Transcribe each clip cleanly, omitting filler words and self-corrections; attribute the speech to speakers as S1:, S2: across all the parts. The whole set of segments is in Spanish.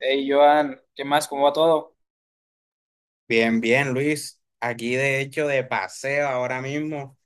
S1: Hey, Joan, ¿qué más? ¿Cómo va todo?
S2: Bien, bien, Luis. Aquí de hecho de paseo ahora mismo,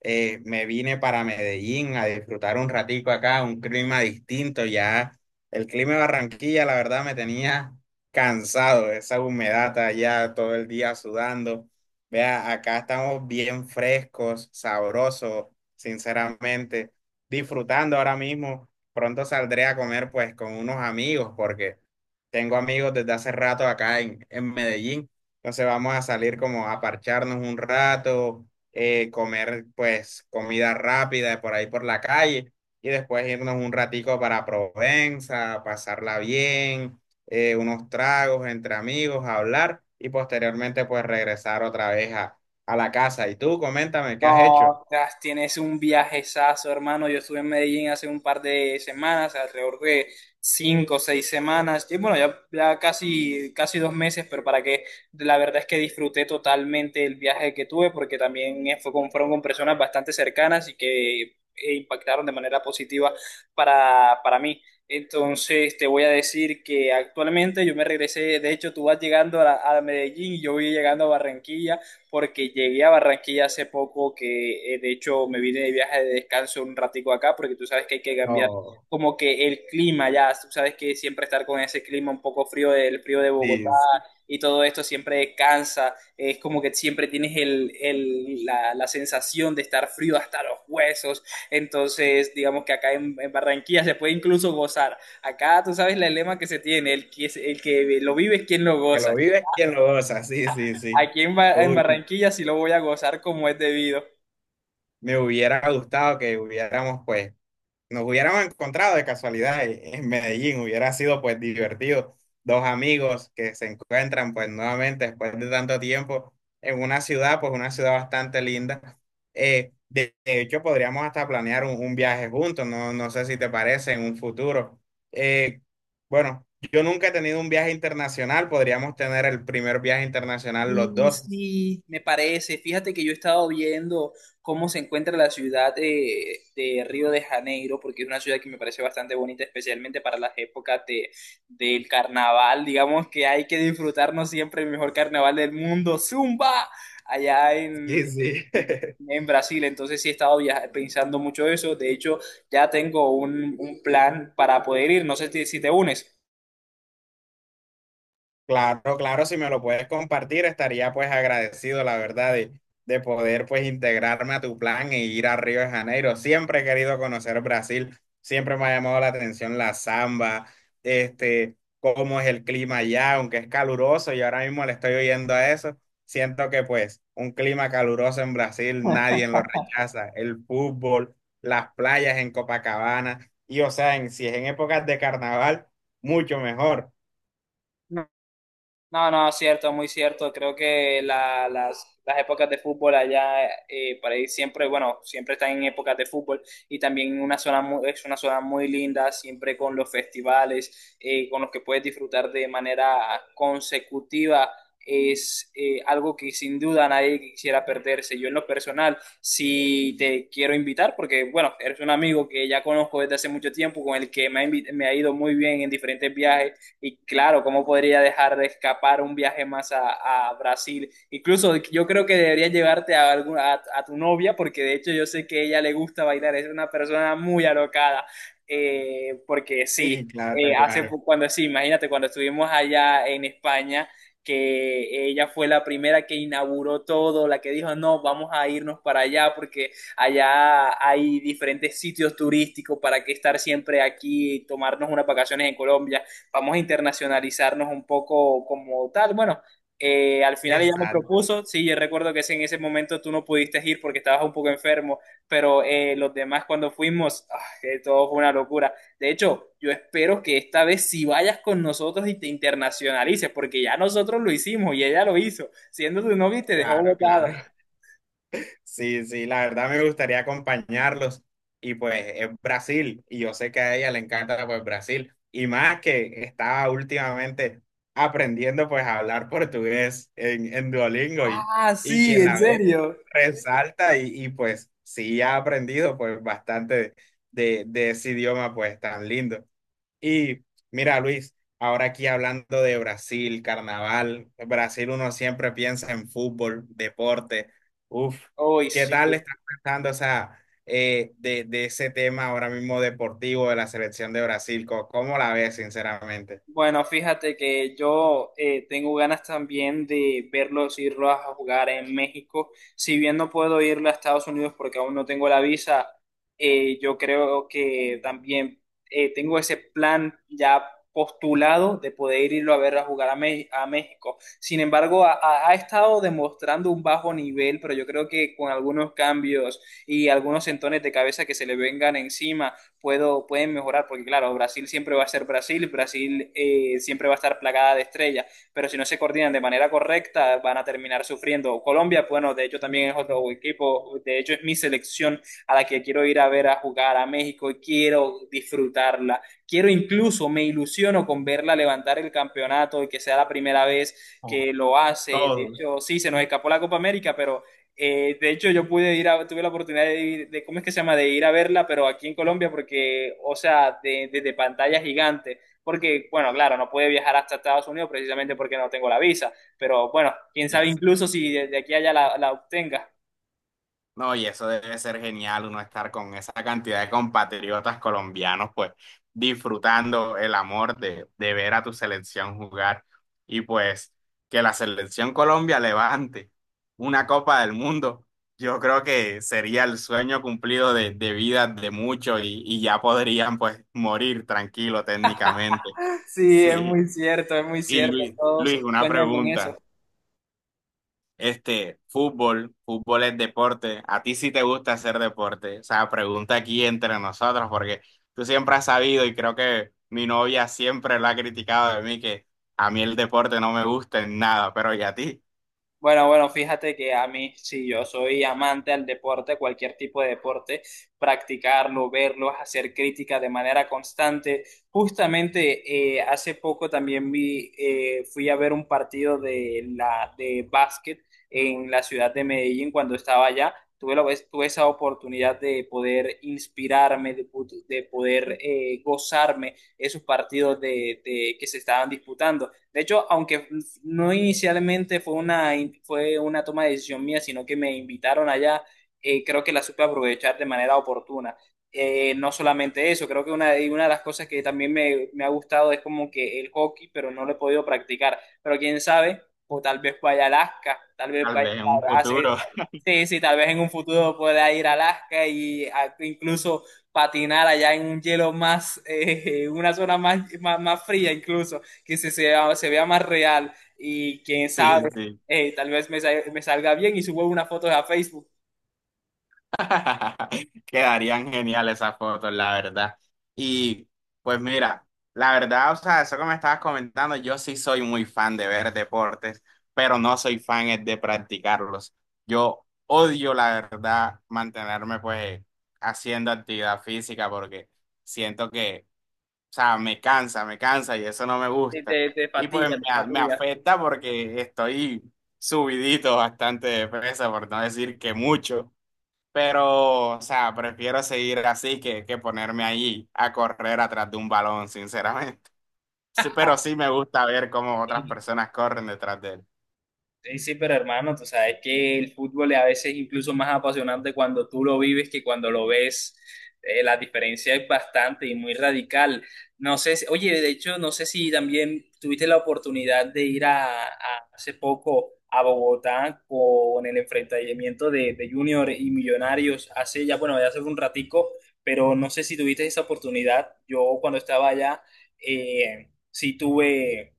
S2: me vine para Medellín a disfrutar un ratico acá, un clima distinto, ya el clima de Barranquilla la verdad me tenía cansado, esa humedad allá todo el día sudando. Vea, acá estamos bien frescos, sabrosos, sinceramente, disfrutando ahora mismo. Pronto saldré a comer pues con unos amigos porque tengo amigos desde hace rato acá en Medellín. Entonces vamos a salir como a parcharnos un rato, comer pues comida rápida por ahí por la calle y después irnos un ratico para Provenza, pasarla bien, unos tragos entre amigos, hablar y posteriormente pues regresar otra vez a la casa. Y tú, coméntame, ¿qué has hecho?
S1: No, tienes un viajezazo, hermano. Yo estuve en Medellín hace un par de semanas, alrededor de 5 o 6 semanas. Y bueno, ya casi, casi 2 meses, pero para que la verdad es que disfruté totalmente el viaje que tuve, porque también fueron con personas bastante cercanas y que impactaron de manera positiva para mí. Entonces te voy a decir que actualmente yo me regresé, de hecho tú vas llegando a Medellín y yo voy llegando a Barranquilla porque llegué a Barranquilla hace poco, que de hecho me vine de viaje de descanso un ratico acá, porque tú sabes que hay que cambiar
S2: No,
S1: como que el clima ya. Tú sabes que siempre estar con ese clima un poco frío, el frío de Bogotá
S2: sí, sí,
S1: y todo esto siempre cansa, es como que siempre tienes la sensación de estar frío hasta los huesos. Entonces digamos que acá en Barranquilla se puede incluso gozar, acá tú sabes la lema que se tiene: el que lo vive es quien lo
S2: que lo
S1: goza.
S2: vives, quien lo goza, sí, sí, sí.
S1: Aquí en
S2: Uy,
S1: Barranquilla sí lo voy a gozar como es debido.
S2: me hubiera gustado que hubiéramos pues nos hubiéramos encontrado de casualidad en Medellín, hubiera sido pues divertido. Dos amigos que se encuentran pues nuevamente después de tanto tiempo en una ciudad, pues una ciudad bastante linda. De hecho, podríamos hasta planear un viaje juntos, no, no sé si te parece en un futuro. Eh, bueno, yo nunca he tenido un viaje internacional, podríamos tener el primer viaje internacional los
S1: Mm,
S2: dos.
S1: sí, me parece. Fíjate que yo he estado viendo cómo se encuentra la ciudad de Río de Janeiro, porque es una ciudad que me parece bastante bonita, especialmente para las épocas del carnaval. Digamos que hay que disfrutarnos siempre el mejor carnaval del mundo, Zumba, allá
S2: Sí, sí.
S1: en Brasil. Entonces sí he estado pensando mucho eso. De hecho, ya tengo un plan para poder ir. No sé si te unes.
S2: Claro, claro, si me lo puedes compartir, estaría pues agradecido, la verdad, de poder pues integrarme a tu plan e ir a Río de Janeiro. Siempre he querido conocer Brasil, siempre me ha llamado la atención la samba, este, cómo es el clima allá, aunque es caluroso y ahora mismo le estoy oyendo a eso, siento que pues un clima caluroso en Brasil nadie lo rechaza, el fútbol, las playas en Copacabana y o sea, en, si es en épocas de carnaval, mucho mejor.
S1: No, no, cierto, muy cierto. Creo que las épocas de fútbol allá, para ir siempre, bueno, siempre están en épocas de fútbol, y también es una zona muy linda, siempre con los festivales, con los que puedes disfrutar de manera consecutiva. Es algo que sin duda nadie quisiera perderse. Yo en lo personal, si te quiero invitar, porque bueno, eres un amigo que ya conozco desde hace mucho tiempo, con el que me ha ido muy bien en diferentes viajes, y claro, ¿cómo podría dejar de escapar un viaje más a Brasil? Incluso yo creo que deberías llevarte a tu novia, porque de hecho yo sé que a ella le gusta bailar, es una persona muy alocada. Porque
S2: Sí,
S1: sí,
S2: claro, claro.
S1: cuando sí, imagínate, cuando estuvimos allá en España, que ella fue la primera que inauguró todo, la que dijo, no, vamos a irnos para allá porque allá hay diferentes sitios turísticos para que estar siempre aquí, y tomarnos unas vacaciones en Colombia, vamos a internacionalizarnos un poco como tal. Bueno, al final ella me
S2: Exacto,
S1: propuso, sí, yo recuerdo que en ese momento tú no pudiste ir porque estabas un poco enfermo, pero los demás, cuando fuimos, ah, todo fue una locura. De hecho, yo espero que esta vez sí vayas con nosotros y te internacionalices, porque ya nosotros lo hicimos y ella lo hizo, siendo tu novia, y te dejó
S2: claro, claro.
S1: botado.
S2: Sí, sí, la verdad me gustaría acompañarlos. Y pues es Brasil, y yo sé que a ella le encanta pues Brasil. Y más que estaba últimamente aprendiendo pues a hablar portugués en Duolingo
S1: Ah,
S2: y
S1: sí,
S2: quien
S1: ¿en
S2: la ve
S1: serio?
S2: resalta y pues sí ha aprendido pues bastante de ese idioma pues tan lindo. Y mira, Luis, ahora aquí hablando de Brasil, carnaval, Brasil uno siempre piensa en fútbol, deporte. Uf,
S1: Uy,
S2: ¿qué
S1: sí.
S2: tal estás pensando, o sea, de ese tema ahora mismo deportivo de la selección de Brasil? ¿Cómo, cómo la ves, sinceramente?
S1: Bueno, fíjate que yo tengo ganas también de verlos irlos a jugar en México. Si bien no puedo irle a Estados Unidos porque aún no tengo la visa, yo creo que también tengo ese plan ya postulado de poder irlo a ver a jugar a México. Sin embargo, ha estado demostrando un bajo nivel, pero yo creo que con algunos cambios y algunos entones de cabeza que se le vengan encima pueden mejorar, porque claro, Brasil siempre va a ser Brasil, Brasil siempre va a estar plagada de estrellas, pero si no se coordinan de manera correcta, van a terminar sufriendo. Colombia, bueno, de hecho también es otro equipo, de hecho es mi selección, a la que quiero ir a ver a jugar a México, y quiero disfrutarla. Quiero incluso, me ilusiono con verla levantar el campeonato y que sea la primera vez
S2: Oh,
S1: que lo hace. De
S2: todo.
S1: hecho, sí, se nos escapó la Copa América, pero de hecho, yo pude tuve la oportunidad de ir, de, ¿cómo es que se llama? De ir a verla, pero aquí en Colombia, porque, o sea, desde de pantalla gigante, porque, bueno, claro, no pude viajar hasta Estados Unidos precisamente porque no tengo la visa, pero bueno, quién sabe,
S2: Yes.
S1: incluso si de aquí a allá la obtenga.
S2: No, y eso debe ser genial, uno estar con esa cantidad de compatriotas colombianos, pues disfrutando el amor de ver a tu selección jugar y pues que la selección Colombia levante una Copa del Mundo, yo creo que sería el sueño cumplido de vida de muchos y ya podrían pues morir tranquilo técnicamente.
S1: Sí,
S2: Sí,
S1: es muy
S2: y
S1: cierto,
S2: Luis,
S1: todos
S2: Luis, una
S1: sueñan con eso.
S2: pregunta. Este, fútbol, fútbol es deporte. ¿A ti sí te gusta hacer deporte? O sea, pregunta aquí entre nosotros, porque tú siempre has sabido y creo que mi novia siempre lo ha criticado de mí, que a mí el deporte no me gusta en nada, pero ¿y a ti?
S1: Bueno, bueno, fíjate que a mí, sí, yo soy amante al deporte, cualquier tipo de deporte, practicarlo, verlo, hacer crítica de manera constante. Justamente hace poco también fui a ver un partido de básquet en la ciudad de Medellín cuando estaba allá. Tuve esa oportunidad de poder inspirarme, de poder gozarme esos partidos que se estaban disputando. De hecho, aunque no inicialmente fue una toma de decisión mía, sino que me invitaron allá. Creo que la supe aprovechar de manera oportuna. No solamente eso, creo que de una de las cosas que también me ha gustado es como que el hockey, pero no lo he podido practicar. Pero quién sabe, o tal vez vaya a Alaska, tal vez
S2: Tal
S1: vaya
S2: vez en un
S1: a... hacer-
S2: futuro.
S1: Sí, sí, tal vez en un futuro pueda ir a Alaska y incluso patinar allá en un hielo más, una zona más, más, más fría incluso, que se vea más real, y quién
S2: Sí,
S1: sabe,
S2: sí.
S1: tal vez me salga bien y subo una foto a Facebook.
S2: Quedarían geniales esas fotos, la verdad. Y pues mira, la verdad, o sea, eso que me estabas comentando, yo sí soy muy fan de ver deportes, pero no soy fan es de practicarlos. Yo odio, la verdad, mantenerme pues haciendo actividad física porque siento que, o sea, me cansa y eso no me gusta.
S1: Te
S2: Y pues
S1: fatiga, te
S2: me, me
S1: fatiga.
S2: afecta porque estoy subidito bastante de peso, por no decir que mucho. Pero, o sea, prefiero seguir así que ponerme allí a correr atrás de un balón, sinceramente. Sí, pero sí me gusta ver cómo otras personas corren detrás de él.
S1: Sí, sí, pero hermano, tú sabes que el fútbol es a veces incluso más apasionante cuando tú lo vives que cuando lo ves. La diferencia es bastante y muy radical. No sé, oye, de hecho, no sé si también tuviste la oportunidad de ir hace poco a Bogotá con el enfrentamiento de Junior y Millonarios hace ya, bueno, ya hace un ratico, pero no sé si tuviste esa oportunidad. Yo cuando estaba allá, sí tuve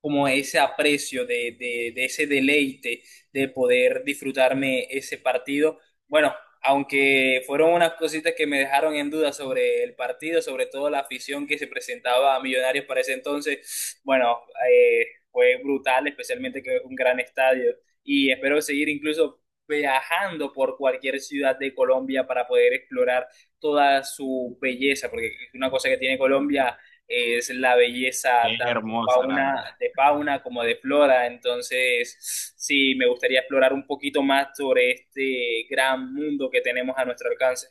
S1: como ese aprecio de ese deleite de poder disfrutarme ese partido. Bueno, aunque fueron unas cositas que me dejaron en duda sobre el partido, sobre todo la afición que se presentaba a Millonarios para ese entonces, bueno, fue brutal, especialmente que es un gran estadio, y espero seguir incluso viajando por cualquier ciudad de Colombia para poder explorar toda su belleza, porque una cosa que tiene Colombia es la belleza,
S2: Es
S1: tanto
S2: hermoso, la verdad.
S1: de fauna como de flora. Entonces, sí, me gustaría explorar un poquito más sobre este gran mundo que tenemos a nuestro alcance.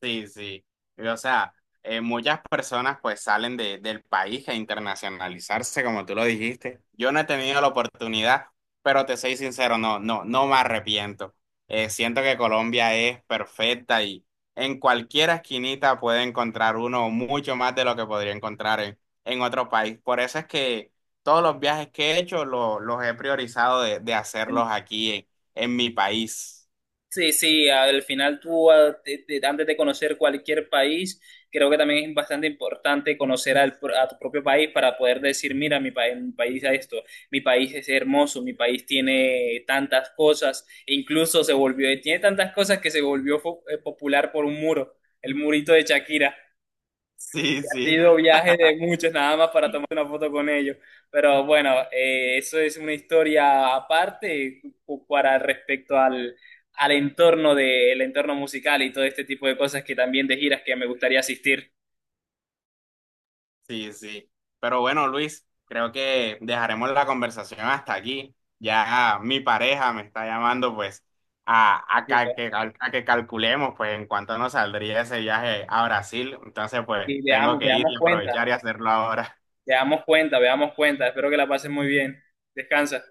S2: Sí, sí. Y, o sea, muchas personas pues salen del país a internacionalizarse, como tú lo dijiste. Yo no he tenido la oportunidad, pero te soy sincero, no, no, no me arrepiento. Siento que Colombia es perfecta y en cualquier esquinita puede encontrar uno mucho más de lo que podría encontrar en otro país. Por eso es que todos los viajes que he hecho los he priorizado de hacerlos aquí en mi país.
S1: Sí, sí, al final tú, antes de conocer cualquier país, creo que también es bastante importante conocer a tu propio país para poder decir, mira, mi país es esto, mi país es hermoso, mi país tiene tantas cosas, e incluso tiene tantas cosas que se volvió popular por un muro, el murito de Shakira.
S2: Sí,
S1: Ha
S2: sí.
S1: sido viaje de muchos nada más para tomar una foto con ellos. Pero bueno, eso es una historia aparte, para respecto al entorno el entorno musical y todo este tipo de cosas, que también de giras que me gustaría asistir.
S2: Sí, sí. Pero bueno, Luis, creo que dejaremos la conversación hasta aquí. Ya mi pareja me está llamando pues
S1: Así que.
S2: a que calculemos pues en cuánto nos saldría ese viaje a Brasil. Entonces pues
S1: Y
S2: tengo que ir
S1: veamos
S2: y
S1: cuenta,
S2: aprovechar y hacerlo ahora.
S1: veamos cuenta, veamos cuenta. Espero que la pases muy bien. Descansa.